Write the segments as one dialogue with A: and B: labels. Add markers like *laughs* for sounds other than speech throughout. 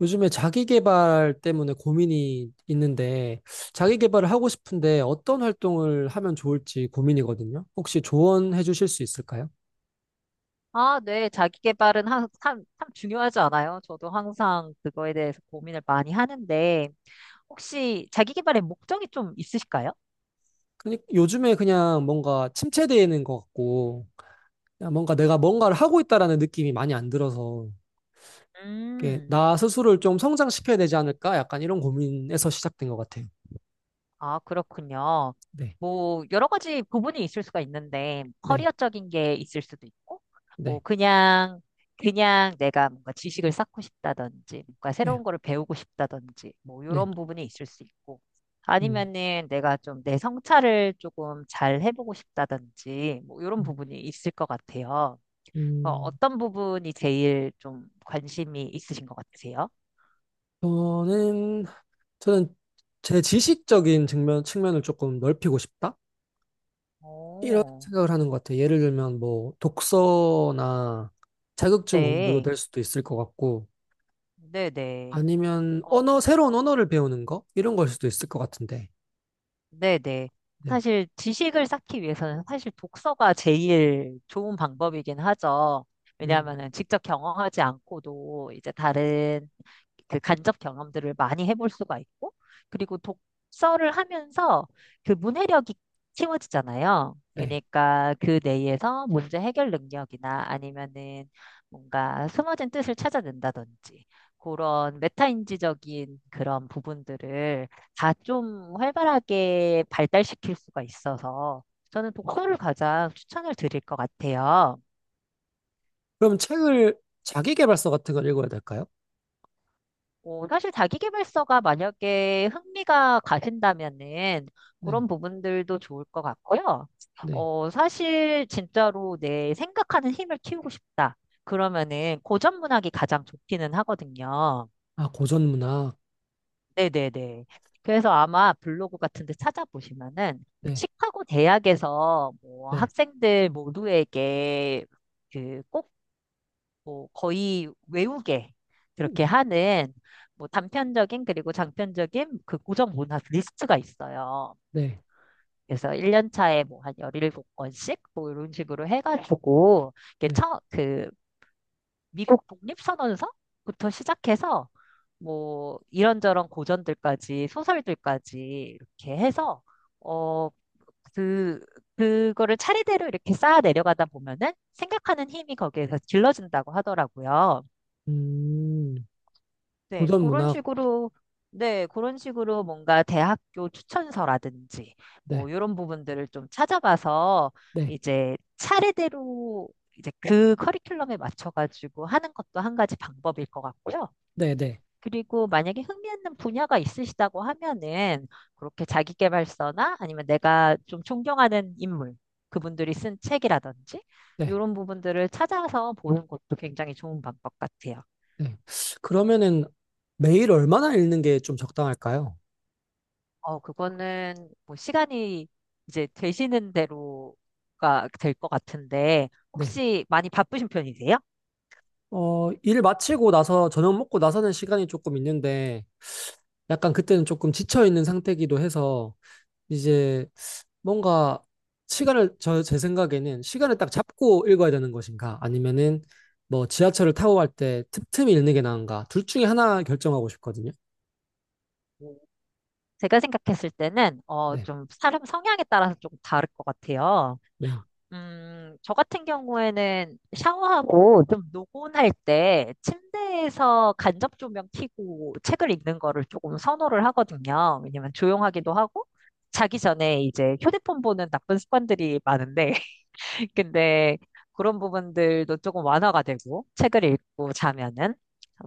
A: 요즘에 자기 개발 때문에 고민이 있는데, 자기 개발을 하고 싶은데 어떤 활동을 하면 좋을지 고민이거든요. 혹시 조언해 주실 수 있을까요?
B: 아, 네. 자기 개발은 참 중요하지 않아요? 저도 항상 그거에 대해서 고민을 많이 하는데, 혹시 자기 개발의 목적이 좀 있으실까요?
A: 요즘에 그냥 뭔가 침체되는 것 같고, 그냥 뭔가 내가 뭔가를 하고 있다라는 느낌이 많이 안 들어서, 이렇게
B: 음.
A: 나 스스로를 좀 성장시켜야 되지 않을까? 약간 이런 고민에서 시작된 것 같아요.
B: 아, 그렇군요.
A: 네,
B: 뭐, 여러 가지 부분이 있을 수가 있는데,
A: 네,
B: 커리어적인 게 있을 수도 있고, 뭐,
A: 네,
B: 그냥, 그냥 내가 뭔가 지식을 쌓고 싶다든지, 뭔가
A: 네,
B: 새로운 거를 배우고 싶다든지, 뭐,
A: 네.
B: 이런 부분이 있을 수 있고,
A: 음,
B: 아니면은 내가 좀 내 성찰을 조금 잘 해보고 싶다든지, 뭐, 이런
A: 음,
B: 부분이 있을 것 같아요. 어,
A: 음.
B: 어떤 부분이 제일 좀 관심이 있으신 것 같으세요?
A: 저는 저는 제 지식적인 측면을 조금 넓히고 싶다? 이런
B: 오,
A: 생각을 하는 것 같아요. 예를 들면 뭐 독서나 자격증 공부도
B: 네,
A: 될 수도 있을 것 같고
B: 네네.
A: 아니면
B: 어,
A: 언어, 새로운 언어를 배우는 거? 이런 걸 수도 있을 것 같은데.
B: 네네.
A: 네.
B: 사실 지식을 쌓기 위해서는 사실 독서가 제일 좋은 방법이긴 하죠.
A: 음,
B: 왜냐하면은 직접 경험하지 않고도 이제 다른 그 간접 경험들을 많이 해볼 수가 있고, 그리고 독서를 하면서 그 문해력이 키워지잖아요.
A: 네.
B: 그러니까 그 내에서 문제 해결 능력이나 아니면은 뭔가 숨어진 뜻을 찾아낸다든지 그런 메타인지적인 그런 부분들을 다 좀 활발하게 발달시킬 수가 있어서 저는 독서를 가장 추천을 드릴 것 같아요.
A: 그럼 책을 자기계발서 같은 걸 읽어야 될까요?
B: 어, 사실 자기계발서가 만약에 흥미가 가신다면은
A: 네.
B: 그런 부분들도 좋을 것 같고요.
A: 네.
B: 어, 사실 진짜로 내 생각하는 힘을 키우고 싶다. 그러면은 고전 문학이 가장 좋기는 하거든요.
A: 아, 고전 문학.
B: 네네네. 그래서 아마 블로그 같은 데 찾아보시면은
A: 네.
B: 시카고 대학에서 뭐
A: 네.
B: 학생들 모두에게 그 꼭 뭐 거의 외우게 그렇게
A: 음,
B: 하는 뭐 단편적인 그리고 장편적인 그 고정 문학 리스트가 있어요.
A: 네.
B: 그래서 1년 차에 뭐 한 1 7권씩 뭐 이런 식으로 해가지고 이게
A: 네.
B: 처, 그 미국 독립선언서부터 시작해서 뭐 이런저런 고전들까지 소설들까지 이렇게 해서 어, 그 그거를 차례대로 이렇게 쌓아 내려가다 보면은 생각하는 힘이 거기에서 길러진다고 하더라고요.
A: 음,
B: 네,
A: 고전
B: 그런
A: 문학.
B: 식으로 네, 그런 식으로 뭔가 대학교 추천서라든지
A: 네.
B: 뭐 이런 부분들을 좀 찾아봐서
A: 네.
B: 이제 차례대로 이제 그 커리큘럼에 맞춰가지고 하는 것도 한 가지 방법일 것 같고요.
A: 네. 네.
B: 그리고 만약에 흥미있는 분야가 있으시다고 하면은 그렇게 자기계발서나 아니면 내가 좀 존경하는 인물, 그분들이 쓴 책이라든지
A: 네.
B: 이런 부분들을 찾아서 보는 것도 굉장히 좋은 방법 같아요.
A: 네. 그러면은 매일 얼마나 읽는 게 좀 적당할까요?
B: 어, 그거는 뭐 시간이 이제 되시는 대로가 될 것 같은데,
A: 네.
B: 혹시 많이 바쁘신 편이세요?
A: 어, 일 마치고 나서 저녁 먹고 나서는 시간이 조금 있는데 약간 그때는 조금 지쳐 있는 상태이기도 해서 이제 뭔가 시간을 저 제 생각에는 시간을 딱 잡고 읽어야 되는 것인가 아니면은 뭐 지하철을 타고 갈 때 틈틈이 읽는 게 나은가 둘 중에 하나 결정하고 싶거든요.
B: 제가 생각했을 때는, 어,
A: 네.
B: 좀 사람 성향에 따라서 조금 다를 것 같아요.
A: 네.
B: 저 같은 경우에는 샤워하고 좀 노곤할 때 침대에서 간접 조명 켜고 책을 읽는 거를 조금 선호를 하거든요. 왜냐면 조용하기도 하고 자기 전에 이제 휴대폰 보는 나쁜 습관들이 많은데 *laughs* 근데 그런 부분들도 조금 완화가 되고 책을 읽고 자면은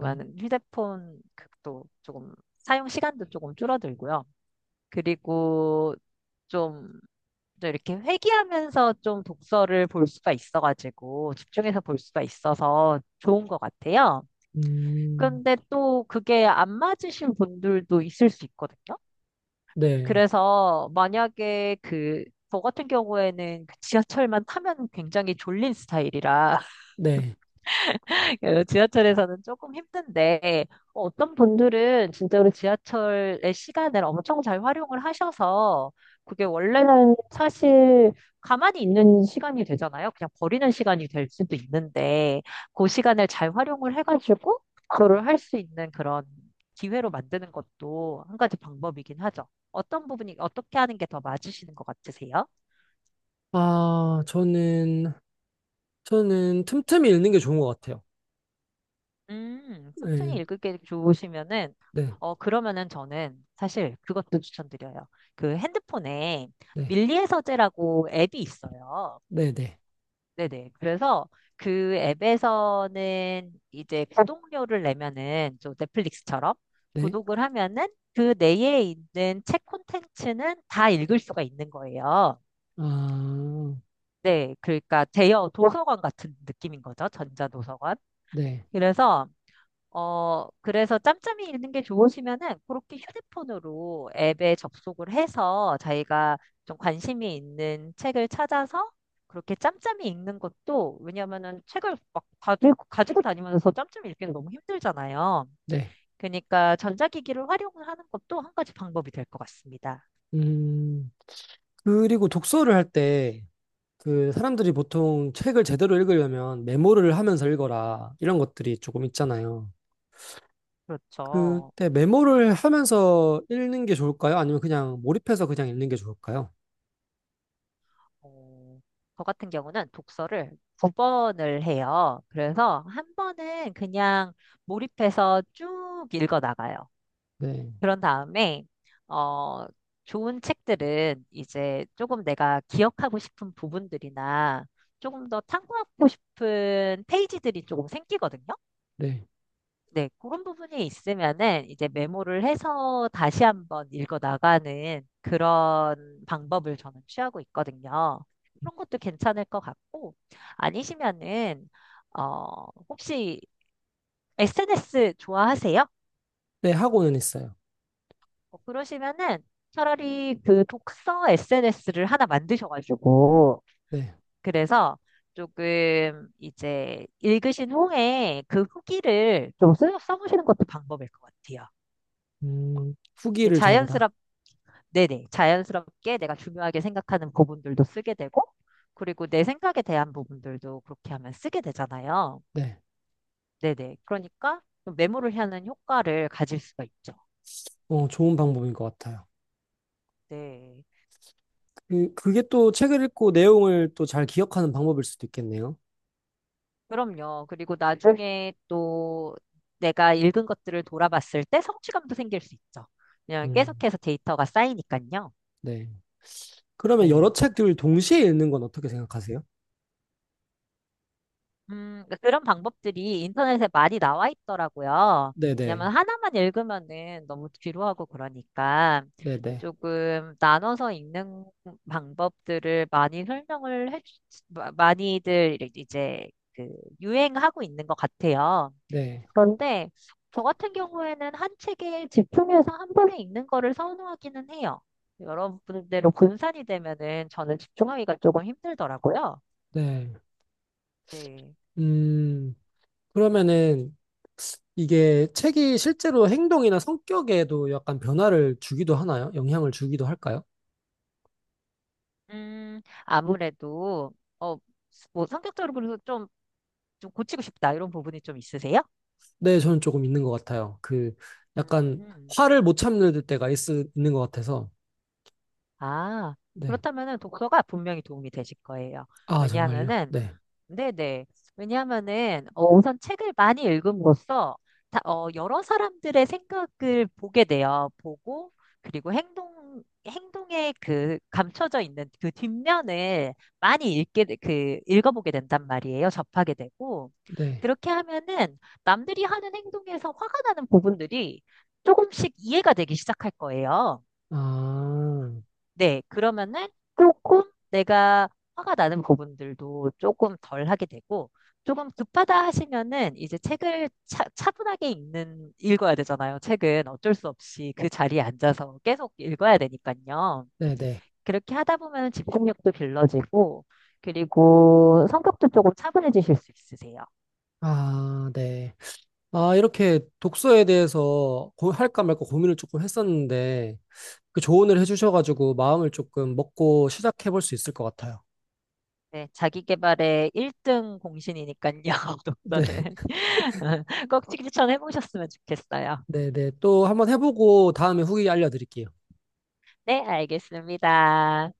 A: 네.
B: 휴대폰 도 조금 사용 시간도 조금 줄어들고요. 그리고 좀 또 이렇게 회귀하면서 좀 독서를 볼 수가 있어가지고 집중해서 볼 수가 있어서 좋은 것 같아요.
A: 음.
B: 근데 또 그게 안 맞으신 분들도 있을 수 있거든요.
A: 네.
B: 그래서 만약에 그, 저 같은 경우에는 그 지하철만 타면 굉장히 졸린 스타일이라
A: 네.
B: *laughs* 지하철에서는 조금 힘든데, 뭐 어떤 분들은 진짜로 지하철의 시간을 엄청 잘 활용을 하셔서, 그게 원래는 사실 가만히 있는 시간이 되잖아요. 그냥 버리는 시간이 될 수도 있는데, 그 시간을 잘 활용을 해가지고, 그거를 할 수 있는 그런 기회로 만드는 것도 한 가지 방법이긴 하죠. 어떤 부분이, 어떻게 하는 게 더 맞으시는 것 같으세요?
A: 아, 저는 틈틈이 읽는 게 좋은 것 같아요.
B: 천천이
A: 네,
B: 읽기 좋으시면은,
A: 네,
B: 어, 그러면은 저는 사실 그것도 추천드려요. 그 핸드폰에
A: 네,
B: 밀리의 서재라고 앱이 있어요.
A: 네, 네,
B: 네네. 그래서 그 앱에서는 이제 구독료를 내면은, 저 넷플릭스처럼
A: 네.
B: 구독을 하면은 그 내에 있는 책 콘텐츠는 다 읽을 수가 있는 거예요.
A: 아,
B: 네. 그러니까 대여 도서관 같은 느낌인 거죠. 전자도서관.
A: 네,
B: 그래서 어, 그래서 짬짬이 읽는 게 좋으시면은 그렇게 휴대폰으로 앱에 접속을 해서 자기가 좀 관심이 있는 책을 찾아서 그렇게 짬짬이 읽는 것도 왜냐면은 책을 막 가지고 다니면서 짬짬이 읽기는 너무 힘들잖아요.
A: 네.
B: 그러니까 전자기기를 활용하는 것도 한 가지 방법이 될 것 같습니다.
A: 음, 그리고 독서를 할 때, 그, 사람들이 보통 책을 제대로 읽으려면 메모를 하면서 읽어라, 이런 것들이 조금 있잖아요.
B: 그렇죠.
A: 그때 메모를 하면서 읽는 게 좋을까요? 아니면 그냥 몰입해서 그냥 읽는 게 좋을까요?
B: 어, 저 같은 경우는 독서를 두 번을 해요. 그래서 한 번은 그냥 몰입해서 쭉 읽어 나가요.
A: 네,
B: 그런 다음에, 어, 좋은 책들은 이제 조금 내가 기억하고 싶은 부분들이나 조금 더 탐구하고 싶은 페이지들이 조금 생기거든요.
A: 네,
B: 네, 그런 부분이 있으면은 이제 메모를 해서 다시 한번 읽어 나가는 그런 방법을 저는 취하고 있거든요. 그런 것도 괜찮을 것 같고, 아니시면은, 어, 혹시 SNS 좋아하세요?
A: 네, 하고는 있어요.
B: 어, 그러시면은 차라리 그 독서 SNS를 하나 만드셔가지고,
A: 네,
B: 그래서 조금 이제 읽으신 후에 그 후기를 좀 써보시는 것도 방법일 것 같아요. 이게
A: 후기를 적어라.
B: 자연스럽, 네네, 자연스럽게 내가 중요하게 생각하는 부분들도 쓰게 되고, 그리고 내 생각에 대한 부분들도 그렇게 하면 쓰게 되잖아요.
A: 네,
B: 네네, 그러니까 좀 메모를 하는 효과를 가질 수가 있죠.
A: 어, 좋은 방법인 것 같아요.
B: 네.
A: 그, 그게 또 책을 읽고 내용을 또 잘 기억하는 방법일 수도 있겠네요.
B: 그럼요. 그리고 나중에 또 내가 읽은 것들을 돌아봤을 때 성취감도 생길 수 있죠. 왜냐면
A: 음,
B: 계속해서 데이터가 쌓이니까요.
A: 네. 그러면 여러
B: 네.
A: 책들을 동시에 읽는 건 어떻게 생각하세요?
B: 그러니까 그런 방법들이 인터넷에 많이 나와 있더라고요.
A: 네네.
B: 왜냐면 하나만 읽으면은 너무 지루하고 그러니까
A: 네네.
B: 조금 나눠서 읽는 방법들을 많이 설명을 해, 주- 마- 많이들 이제 그 유행하고 있는 것 같아요.
A: 네.
B: 그런데 저 같은 경우에는 한 책에 집중해서 한 번에 읽는 거를 선호하기는 해요. 여러분들대로 분산이 되면은 저는 집중하기가 조금 힘들더라고요.
A: 네.
B: 네.
A: 음, 그러면은 이게 책이 실제로 행동이나 성격에도 약간 변화를 주기도 하나요? 영향을 주기도 할까요?
B: 아무래도 어, 뭐 성격적으로 좀, 좀 고치고 싶다 이런 부분이 좀 있으세요?
A: 네, 저는 조금 있는 것 같아요. 그 약간
B: 음.
A: 화를 못 참는 때가 있는 것 같아서.
B: 아,
A: 네.
B: 그렇다면은 독서가 분명히 도움이 되실 거예요.
A: 아, 정말요?
B: 왜냐하면은
A: 네.
B: 네네. 왜냐하면은 어, 우선 책을 많이 읽음으로써 다, 어, 여러 사람들의 생각을 보게 돼요. 보고 그리고 행동 행동에 그 감춰져 있는 그 뒷면을 많이 읽게 돼- 그 읽어보게 된단 말이에요. 접하게 되고
A: 네.
B: 그렇게 하면은 남들이 하는 행동에서 화가 나는 부분들이 조금씩 이해가 되기 시작할 거예요.
A: 아,
B: 네, 그러면은 조금 내가 화가 나는 부분들도 조금 덜 하게 되고, 조금 급하다 하시면은 이제 책을 차분하게 읽어야 되잖아요. 책은 어쩔 수 없이 그 자리에 앉아서 계속 읽어야 되니까요.
A: 네네.
B: 그렇게 하다 보면 집중력도 길러지고, 그리고 성격도 조금 차분해지실 수 있으세요.
A: 아, 네. 아, 이렇게 독서에 대해서 할까 말까 고민을 조금 했었는데, 그 조언을 해주셔가지고 마음을 조금 먹고 시작해볼 수 있을 것 같아요.
B: 네, 자기 개발의 1등 공신이니까요, *laughs*
A: 네,
B: 독서는. *laughs* 꼭 추천해 보셨으면 좋겠어요.
A: 네, 네. 또 한번 해보고 다음에 후기 알려드릴게요.
B: 네, 알겠습니다.